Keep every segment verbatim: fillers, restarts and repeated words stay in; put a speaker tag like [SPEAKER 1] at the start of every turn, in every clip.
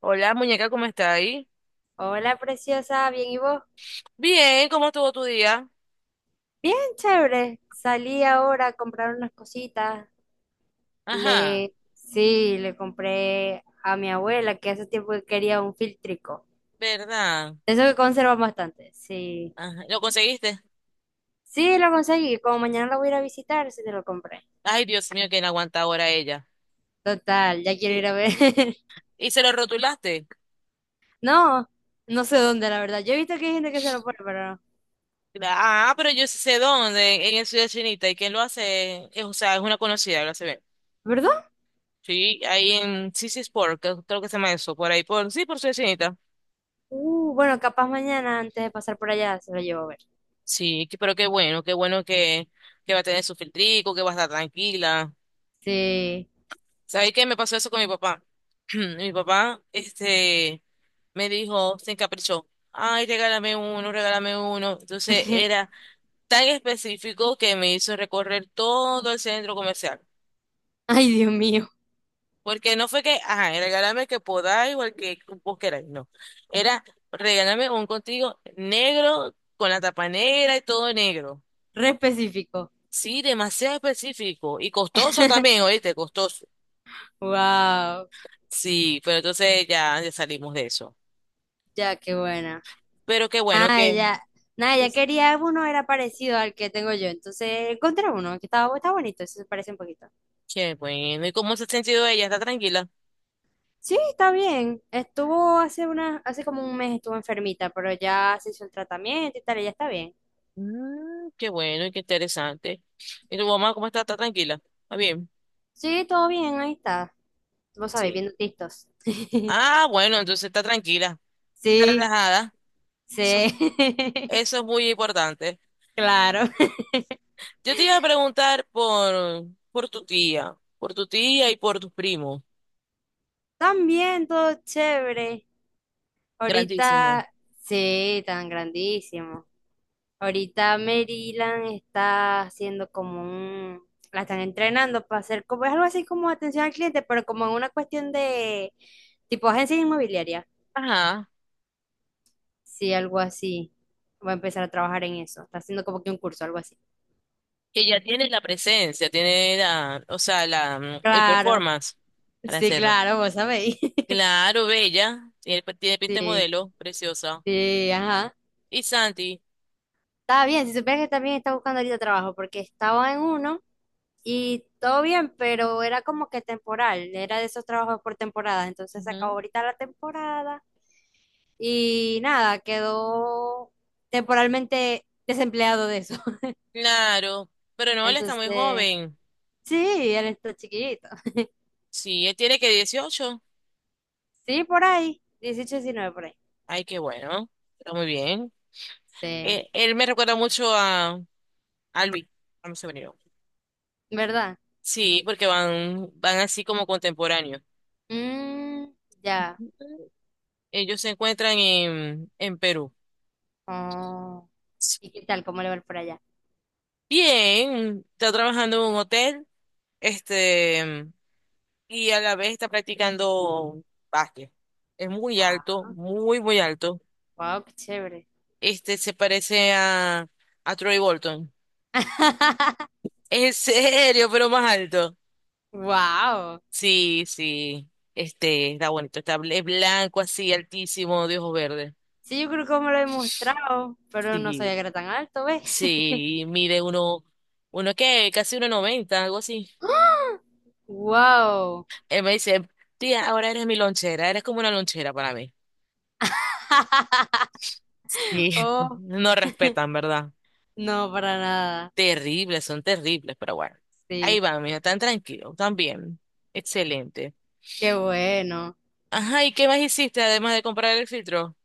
[SPEAKER 1] Hola, muñeca, ¿cómo está ahí?
[SPEAKER 2] Hola, preciosa, ¿bien y vos?
[SPEAKER 1] Bien, ¿cómo estuvo tu día?
[SPEAKER 2] Bien, chévere. Salí ahora a comprar unas cositas.
[SPEAKER 1] Ajá,
[SPEAKER 2] Le, sí, le compré a mi abuela que hace tiempo que quería un filtrico.
[SPEAKER 1] ¿verdad?
[SPEAKER 2] De eso que conservan bastante. Sí,
[SPEAKER 1] Ajá. ¿Lo conseguiste?
[SPEAKER 2] sí, lo conseguí. Como mañana lo voy a ir a visitar, sí te lo compré.
[SPEAKER 1] Ay, Dios mío, que no aguanta ahora ella.
[SPEAKER 2] Total, ya quiero ir
[SPEAKER 1] Y-
[SPEAKER 2] a ver.
[SPEAKER 1] ¿Y se lo rotulaste?
[SPEAKER 2] No, no sé dónde, la verdad. Yo he visto que hay gente que se lo pone, pero no.
[SPEAKER 1] Cla- Ah, pero yo sí sé dónde, en, en Ciudad Chinita, y quién lo hace, es, o sea, es una conocida, lo hace bien.
[SPEAKER 2] ¿Verdad?
[SPEAKER 1] Sí, ahí en C C Sport, que- creo que se llama eso, por ahí, por, sí, por Ciudad Chinita.
[SPEAKER 2] Uh, bueno, capaz mañana antes de pasar por allá se lo llevo a ver.
[SPEAKER 1] Sí, que- pero qué bueno, qué bueno que, que va a tener su filtrico, que va a estar tranquila.
[SPEAKER 2] Sí.
[SPEAKER 1] ¿Sabéis qué me pasó eso con mi papá? Mi papá, este, me dijo, se encaprichó. Ay, regálame uno, regálame uno. Entonces era tan específico que me hizo recorrer todo el centro comercial.
[SPEAKER 2] Ay, Dios mío,
[SPEAKER 1] Porque no fue que, ajá, regálame que podáis o el que vos queráis, no. Era regálame un contigo negro con la tapa negra y todo negro.
[SPEAKER 2] re específico.
[SPEAKER 1] Sí, demasiado específico y costoso también, oíste, costoso.
[SPEAKER 2] Wow,
[SPEAKER 1] Sí, pero entonces ya, ya salimos de eso.
[SPEAKER 2] ya qué buena.
[SPEAKER 1] Pero qué bueno
[SPEAKER 2] Ah,
[SPEAKER 1] que.
[SPEAKER 2] ya, nada, ya
[SPEAKER 1] Es-
[SPEAKER 2] quería uno era parecido al que tengo yo, entonces encontré uno que estaba, está bonito, se parece un poquito.
[SPEAKER 1] Qué bueno. ¿Y cómo se ha sentido ella? ¿Está tranquila?
[SPEAKER 2] Sí, está bien. Estuvo hace una, hace como un mes estuvo enfermita, pero ya se hizo el tratamiento y tal, y ya está bien.
[SPEAKER 1] Mm, qué bueno y qué interesante. ¿Y tu mamá cómo está? ¿Está tranquila? ¿Está bien?
[SPEAKER 2] Sí, todo bien, ahí está. Vos sabés,
[SPEAKER 1] Sí.
[SPEAKER 2] viendo tistos.
[SPEAKER 1] Ah, bueno, entonces está tranquila. Está
[SPEAKER 2] Sí,
[SPEAKER 1] relajada.
[SPEAKER 2] sí.
[SPEAKER 1] Eso, eso es muy importante.
[SPEAKER 2] Claro.
[SPEAKER 1] Yo te iba a preguntar por, por tu tía, por tu tía y por tus primos.
[SPEAKER 2] También todo chévere.
[SPEAKER 1] Grandísimo.
[SPEAKER 2] Ahorita, sí, tan grandísimo. Ahorita Maryland está haciendo como un, la están entrenando para hacer como, es algo así como atención al cliente, pero como en una cuestión de tipo agencia inmobiliaria.
[SPEAKER 1] Ajá.
[SPEAKER 2] Sí, algo así. Va a empezar a trabajar en eso. Está haciendo como que un curso, algo así.
[SPEAKER 1] Que ya tiene la presencia, tiene la, o sea, la, mm, el
[SPEAKER 2] Claro,
[SPEAKER 1] performance para
[SPEAKER 2] sí,
[SPEAKER 1] hacerlo.
[SPEAKER 2] claro, vos sabéis.
[SPEAKER 1] Claro, bella. Tiene, pues, tiene pinta de
[SPEAKER 2] Sí,
[SPEAKER 1] modelo, preciosa.
[SPEAKER 2] sí, ajá.
[SPEAKER 1] Y Santi.
[SPEAKER 2] Está bien, si supieras que también está buscando ahorita trabajo, porque estaba en uno. Y todo bien, pero era como que temporal, era de esos trabajos por temporada. Entonces se acabó
[SPEAKER 1] Ujú.
[SPEAKER 2] ahorita la temporada y nada, quedó temporalmente desempleado de eso.
[SPEAKER 1] Claro. Pero no, él está muy
[SPEAKER 2] Entonces,
[SPEAKER 1] joven.
[SPEAKER 2] sí, él está chiquito.
[SPEAKER 1] Sí, él tiene que dieciocho.
[SPEAKER 2] Sí, por ahí, dieciocho, diecinueve por ahí.
[SPEAKER 1] Ay, qué bueno. Está muy bien.
[SPEAKER 2] Sí,
[SPEAKER 1] Eh, él me recuerda mucho a, a, Luis, a mi sobrino.
[SPEAKER 2] ¿verdad?
[SPEAKER 1] Sí, porque van, van así como contemporáneos.
[SPEAKER 2] Mm, ya.
[SPEAKER 1] Ujú. Ellos se encuentran en, en Perú.
[SPEAKER 2] Oh. ¿Y qué tal? ¿Cómo le va por allá?
[SPEAKER 1] Bien, está trabajando en un hotel. Este, y a la vez está practicando básquet. Es muy alto,
[SPEAKER 2] Ah,
[SPEAKER 1] muy, muy alto.
[SPEAKER 2] wow, qué chévere.
[SPEAKER 1] Este se parece a, a, Troy Bolton. En serio, pero más alto.
[SPEAKER 2] Wow.
[SPEAKER 1] Sí, sí. Este está bonito. Está, bl- es blanco así, altísimo, de ojos verdes.
[SPEAKER 2] Sí, yo creo que me lo he mostrado, pero no sabía
[SPEAKER 1] Sí,
[SPEAKER 2] que era tan alto, ¿ves?
[SPEAKER 1] sí. Mide uno, uno qué, casi uno noventa, algo así.
[SPEAKER 2] ¡Wow!
[SPEAKER 1] Él me dice, tía, ahora eres mi lonchera, eres como una lonchera para mí. Sí,
[SPEAKER 2] Oh,
[SPEAKER 1] no respetan, ¿verdad?
[SPEAKER 2] no, para nada.
[SPEAKER 1] Terribles, son terribles, pero bueno. Ahí
[SPEAKER 2] Sí,
[SPEAKER 1] van, mira, tan tranquilo, tan bien. Excelente.
[SPEAKER 2] qué bueno.
[SPEAKER 1] Ajá, ¿y qué más hiciste además de comprar el filtro?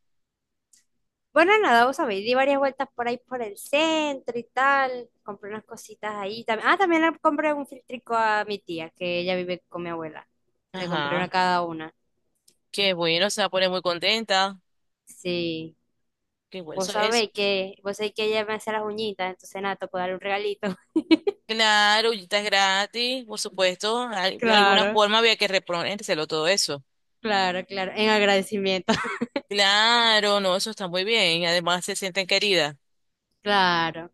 [SPEAKER 2] Bueno, nada, vos sabéis, di varias vueltas por ahí por el centro y tal. Compré unas cositas ahí también. Ah, también le compré un filtrico a mi tía, que ella vive con mi abuela. Le compré una
[SPEAKER 1] Ajá,
[SPEAKER 2] a cada una.
[SPEAKER 1] qué bueno, se va a poner muy contenta.
[SPEAKER 2] Sí.
[SPEAKER 1] Qué bueno, eso
[SPEAKER 2] Vos
[SPEAKER 1] es.
[SPEAKER 2] sabéis que, vos sabéis que ella me hace las uñitas, entonces nada, tocó darle un regalito.
[SPEAKER 1] Claro, y está gratis, por supuesto. al- De alguna
[SPEAKER 2] Claro.
[SPEAKER 1] forma había que reponérselo todo eso.
[SPEAKER 2] Claro, claro, en agradecimiento.
[SPEAKER 1] Claro, no, eso está muy bien. Además se sienten queridas.
[SPEAKER 2] Claro.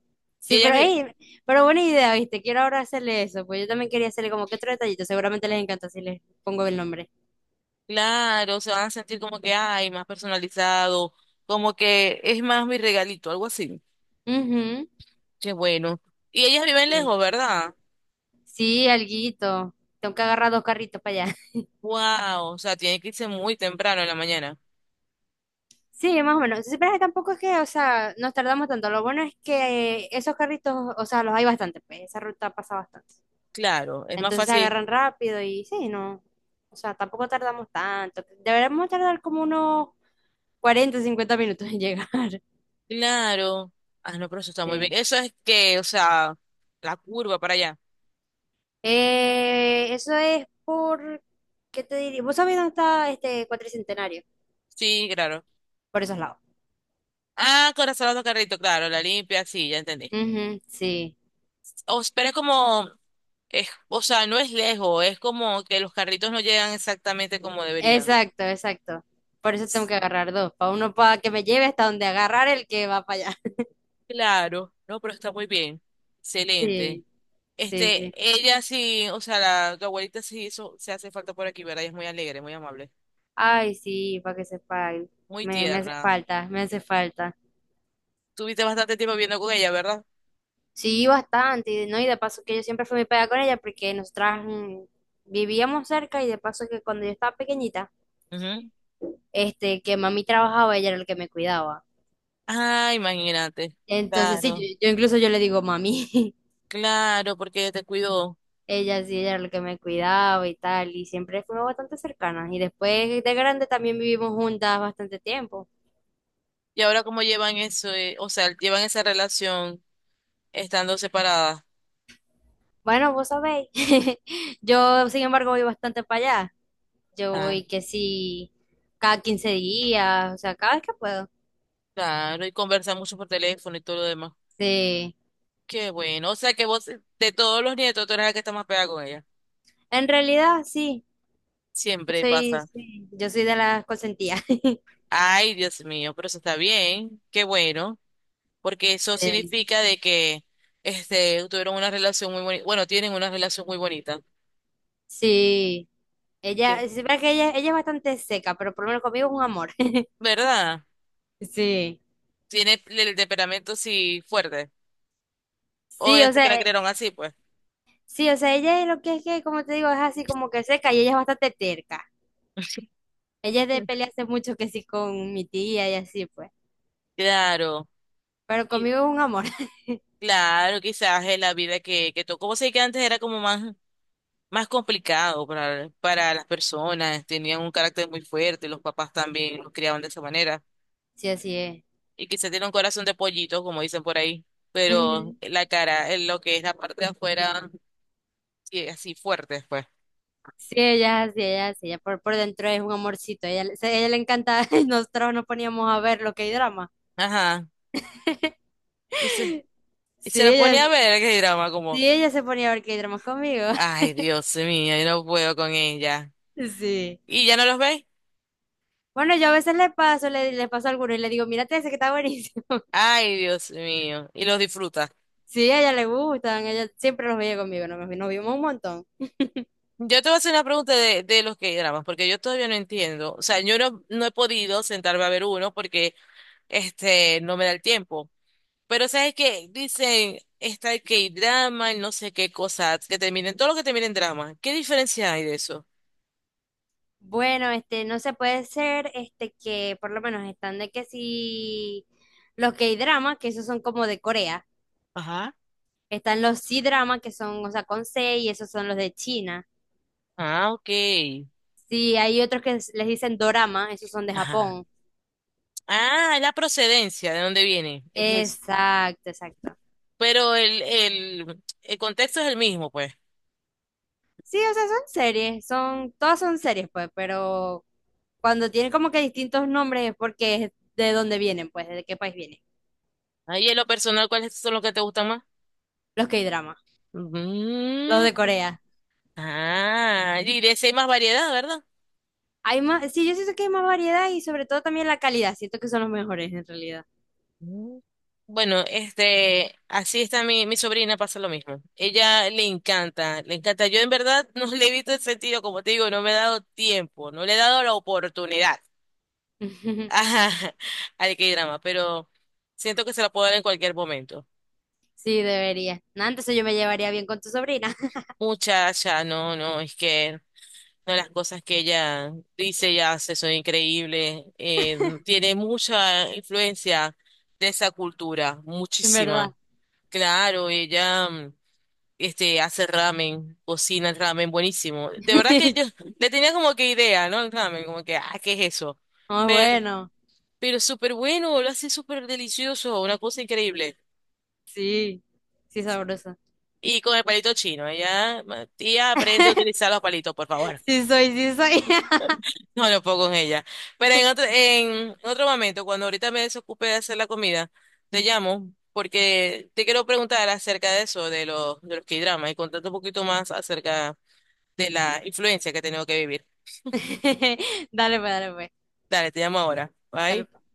[SPEAKER 1] Y
[SPEAKER 2] Sí,
[SPEAKER 1] ellas,
[SPEAKER 2] pero,
[SPEAKER 1] vi-
[SPEAKER 2] ey, pero buena idea, ¿viste? Quiero ahora hacerle eso, pues yo también quería hacerle como que otro detallito, seguramente les encanta si les pongo el nombre.
[SPEAKER 1] claro, se van a sentir como que hay más personalizado, como que es más mi regalito, algo así.
[SPEAKER 2] Ujú.
[SPEAKER 1] Qué bueno. Y ellas viven
[SPEAKER 2] Sí,
[SPEAKER 1] lejos, ¿verdad?
[SPEAKER 2] sí, alguito. Tengo que agarrar dos carritos para allá.
[SPEAKER 1] Wow, o sea, tienen que irse muy temprano en la mañana.
[SPEAKER 2] Sí, más o menos. Sí, pero es que tampoco es que, o sea, nos tardamos tanto. Lo bueno es que esos carritos, o sea, los hay bastante, pues esa ruta pasa bastante.
[SPEAKER 1] Claro, es más
[SPEAKER 2] Entonces se
[SPEAKER 1] fácil.
[SPEAKER 2] agarran rápido y sí, no. O sea, tampoco tardamos tanto. Deberíamos tardar como unos cuarenta, cincuenta minutos en llegar.
[SPEAKER 1] Claro. Ah, no, pero eso está muy bien.
[SPEAKER 2] Sí.
[SPEAKER 1] Eso es que, o sea, la curva para allá.
[SPEAKER 2] Eh, eso es por, ¿qué te diría? ¿Vos sabés dónde está este cuatricentenario?
[SPEAKER 1] Sí, claro.
[SPEAKER 2] Por esos lados.
[SPEAKER 1] Ah, corazonado carrito, claro, la limpia, sí, ya entendí.
[SPEAKER 2] Ujú, sí,
[SPEAKER 1] O, pero es como, es, o sea, no es lejos, es como que los carritos no llegan exactamente como deberían.
[SPEAKER 2] exacto, exacto. Por eso tengo que agarrar dos, para uno para que me lleve hasta donde agarrar el que va para allá.
[SPEAKER 1] Claro, no, pero está muy bien. Excelente.
[SPEAKER 2] Sí, sí,
[SPEAKER 1] Este,
[SPEAKER 2] sí.
[SPEAKER 1] ella sí, o sea, la, tu abuelita sí hizo, se hace falta por aquí, ¿verdad? Ella es muy alegre, muy amable,
[SPEAKER 2] Ay, sí, para que sepa.
[SPEAKER 1] muy
[SPEAKER 2] Me, me hace
[SPEAKER 1] tierna.
[SPEAKER 2] falta, me hace falta.
[SPEAKER 1] Tuviste bastante tiempo viviendo con ella, ¿verdad?
[SPEAKER 2] Sí, bastante, y, ¿no? Y de paso que yo siempre fui muy pegada con ella porque nosotras mm, vivíamos cerca y de paso que cuando yo estaba pequeñita,
[SPEAKER 1] Ujú.
[SPEAKER 2] este, que mami trabajaba, ella era el que me cuidaba.
[SPEAKER 1] Ah, imagínate.
[SPEAKER 2] Entonces, sí, yo,
[SPEAKER 1] Claro,
[SPEAKER 2] yo incluso yo le digo mami.
[SPEAKER 1] claro, porque ella te cuidó.
[SPEAKER 2] Ella sí, ella era la que me cuidaba y tal, y siempre fuimos bastante cercanas. Y después de grande también vivimos juntas bastante tiempo.
[SPEAKER 1] Y ahora cómo llevan eso, eh, o sea, llevan esa relación estando separadas.
[SPEAKER 2] Bueno, vos sabéis, yo sin embargo voy bastante para allá. Yo
[SPEAKER 1] Claro,
[SPEAKER 2] voy que sí, cada quince días, o sea, cada vez que puedo.
[SPEAKER 1] claro, y conversan mucho por teléfono y todo lo demás.
[SPEAKER 2] Sí,
[SPEAKER 1] Qué bueno. O sea que vos, de todos los nietos, tú eres la que está más pegada con ella.
[SPEAKER 2] en realidad sí, yo
[SPEAKER 1] Siempre
[SPEAKER 2] soy,
[SPEAKER 1] pasa.
[SPEAKER 2] sí, yo soy de las consentidas.
[SPEAKER 1] Ay, Dios mío, pero eso está bien. Qué bueno. Porque eso
[SPEAKER 2] Sí,
[SPEAKER 1] significa de que este, tuvieron una relación muy bonita, bueno, tienen una relación muy bonita.
[SPEAKER 2] sí. Ella,
[SPEAKER 1] Sí.
[SPEAKER 2] sí, verdad que ella, ella es bastante seca, pero por lo menos conmigo es un amor.
[SPEAKER 1] ¿Verdad?
[SPEAKER 2] Sí.
[SPEAKER 1] Tiene el temperamento sí fuerte, o
[SPEAKER 2] Sí,
[SPEAKER 1] ya es
[SPEAKER 2] o
[SPEAKER 1] que la
[SPEAKER 2] sea, eh,
[SPEAKER 1] crearon así, pues.
[SPEAKER 2] sí, o sea, ella es lo que es que, como te digo, es así como que seca y ella es bastante terca. Ella es de pelearse mucho que sí con mi tía y así, pues.
[SPEAKER 1] Claro,
[SPEAKER 2] Pero
[SPEAKER 1] qui-
[SPEAKER 2] conmigo es un amor.
[SPEAKER 1] claro, quizás es la vida que, que, tocó. Vos sabés que antes era como más, más, complicado para, para las personas, tenían un carácter muy fuerte, los papás también los criaban de esa manera.
[SPEAKER 2] Sí, así es.
[SPEAKER 1] Y quizás tiene un corazón de pollito, como dicen por ahí, pero
[SPEAKER 2] Ujú.
[SPEAKER 1] la cara, eh, lo que es la parte de afuera, sí, así fuerte después.
[SPEAKER 2] Sí, ella es así, ella es así, ella por, por dentro es un amorcito. Ella, le- se- ella le encanta, nosotros nos poníamos a ver lo que hay drama.
[SPEAKER 1] Ajá. Y se, y se,
[SPEAKER 2] Sí,
[SPEAKER 1] la
[SPEAKER 2] ella,
[SPEAKER 1] ponía a ver el K-drama como,
[SPEAKER 2] sí, ella se ponía a ver que hay drama conmigo.
[SPEAKER 1] ay, Dios mío, yo no puedo con ella.
[SPEAKER 2] Sí.
[SPEAKER 1] ¿Y ya no los veis?
[SPEAKER 2] Bueno, yo a veces le paso, le, le paso alguno y le digo, mírate ese que está buenísimo.
[SPEAKER 1] Ay, Dios mío. Y los disfruta.
[SPEAKER 2] Sí, a ella le gustan, ella siempre los veía conmigo, nos, nos vimos un montón.
[SPEAKER 1] Yo te voy a hacer una pregunta de, de los K-dramas, porque yo todavía no entiendo. O sea, yo no, no he podido sentarme a ver uno porque este no me da el tiempo. Pero sabes que dicen, está el K-drama, el no sé qué cosas, que terminen, todo lo que termina en drama. ¿Qué diferencia hay de eso?
[SPEAKER 2] Bueno, este, no se puede ser, este, que por lo menos están de que si los K-drama, que esos son como de Corea,
[SPEAKER 1] Ajá.
[SPEAKER 2] están los C-drama, que son, o sea, con C, y esos son los de China.
[SPEAKER 1] Ah, ok.
[SPEAKER 2] Sí, hay otros que s- les dicen dorama, esos son de
[SPEAKER 1] Ajá.
[SPEAKER 2] Japón.
[SPEAKER 1] Ah, la procedencia, ¿de dónde viene? Es eso.
[SPEAKER 2] Exacto, exacto.
[SPEAKER 1] Pero el, el, el, contexto es el mismo, pues.
[SPEAKER 2] Sí, o sea, son series, son, todas son series, pues, pero cuando tienen como que distintos nombres es porque es de dónde vienen, pues, de qué país vienen.
[SPEAKER 1] Ahí en lo personal, ¿cuáles son los que te gustan más?
[SPEAKER 2] Los K-drama, los
[SPEAKER 1] Mm,
[SPEAKER 2] de Corea.
[SPEAKER 1] ah, y de ese hay más variedad, ¿verdad?
[SPEAKER 2] Hay más, sí, yo siento que hay más variedad y sobre todo también la calidad. Siento que son los mejores en realidad.
[SPEAKER 1] Mm. Bueno, este, así está mi, mi sobrina, pasa lo mismo. Ella le encanta, le encanta. Yo en verdad no le he visto el sentido, como te digo, no me he dado tiempo, no le he dado la oportunidad. Ajá, al K-drama, pero siento que se la puedo dar en cualquier momento.
[SPEAKER 2] Sí, debería. Nah, entonces yo me llevaría bien con tu sobrina,
[SPEAKER 1] Muchacha, no, no, es que una de las cosas que ella dice y hace son increíbles. Eh, tiene mucha influencia de esa cultura,
[SPEAKER 2] en verdad.
[SPEAKER 1] muchísima. Claro, ella mm, este, hace ramen, cocina el ramen buenísimo. De verdad que yo le tenía como que idea, ¿no? El ramen, como que, ah, ¿qué es eso?
[SPEAKER 2] Ah,
[SPEAKER 1] Pero,
[SPEAKER 2] bueno,
[SPEAKER 1] pero súper bueno, lo hace súper delicioso, una cosa increíble.
[SPEAKER 2] sí, sí, sabrosa.
[SPEAKER 1] Y con el palito chino, ella, tía, aprende a utilizar los palitos, por favor.
[SPEAKER 2] Sí soy, sí soy.
[SPEAKER 1] No, no puedo con ella. Pero en otro, en otro, momento, cuando ahorita me desocupe de hacer la comida, te llamo porque te quiero preguntar acerca de eso, de los, de los K-dramas y contarte un poquito más acerca de la influencia que he tenido que vivir.
[SPEAKER 2] Dale pues, dale pues,
[SPEAKER 1] Dale, te llamo ahora.
[SPEAKER 2] dale pues.
[SPEAKER 1] Bye.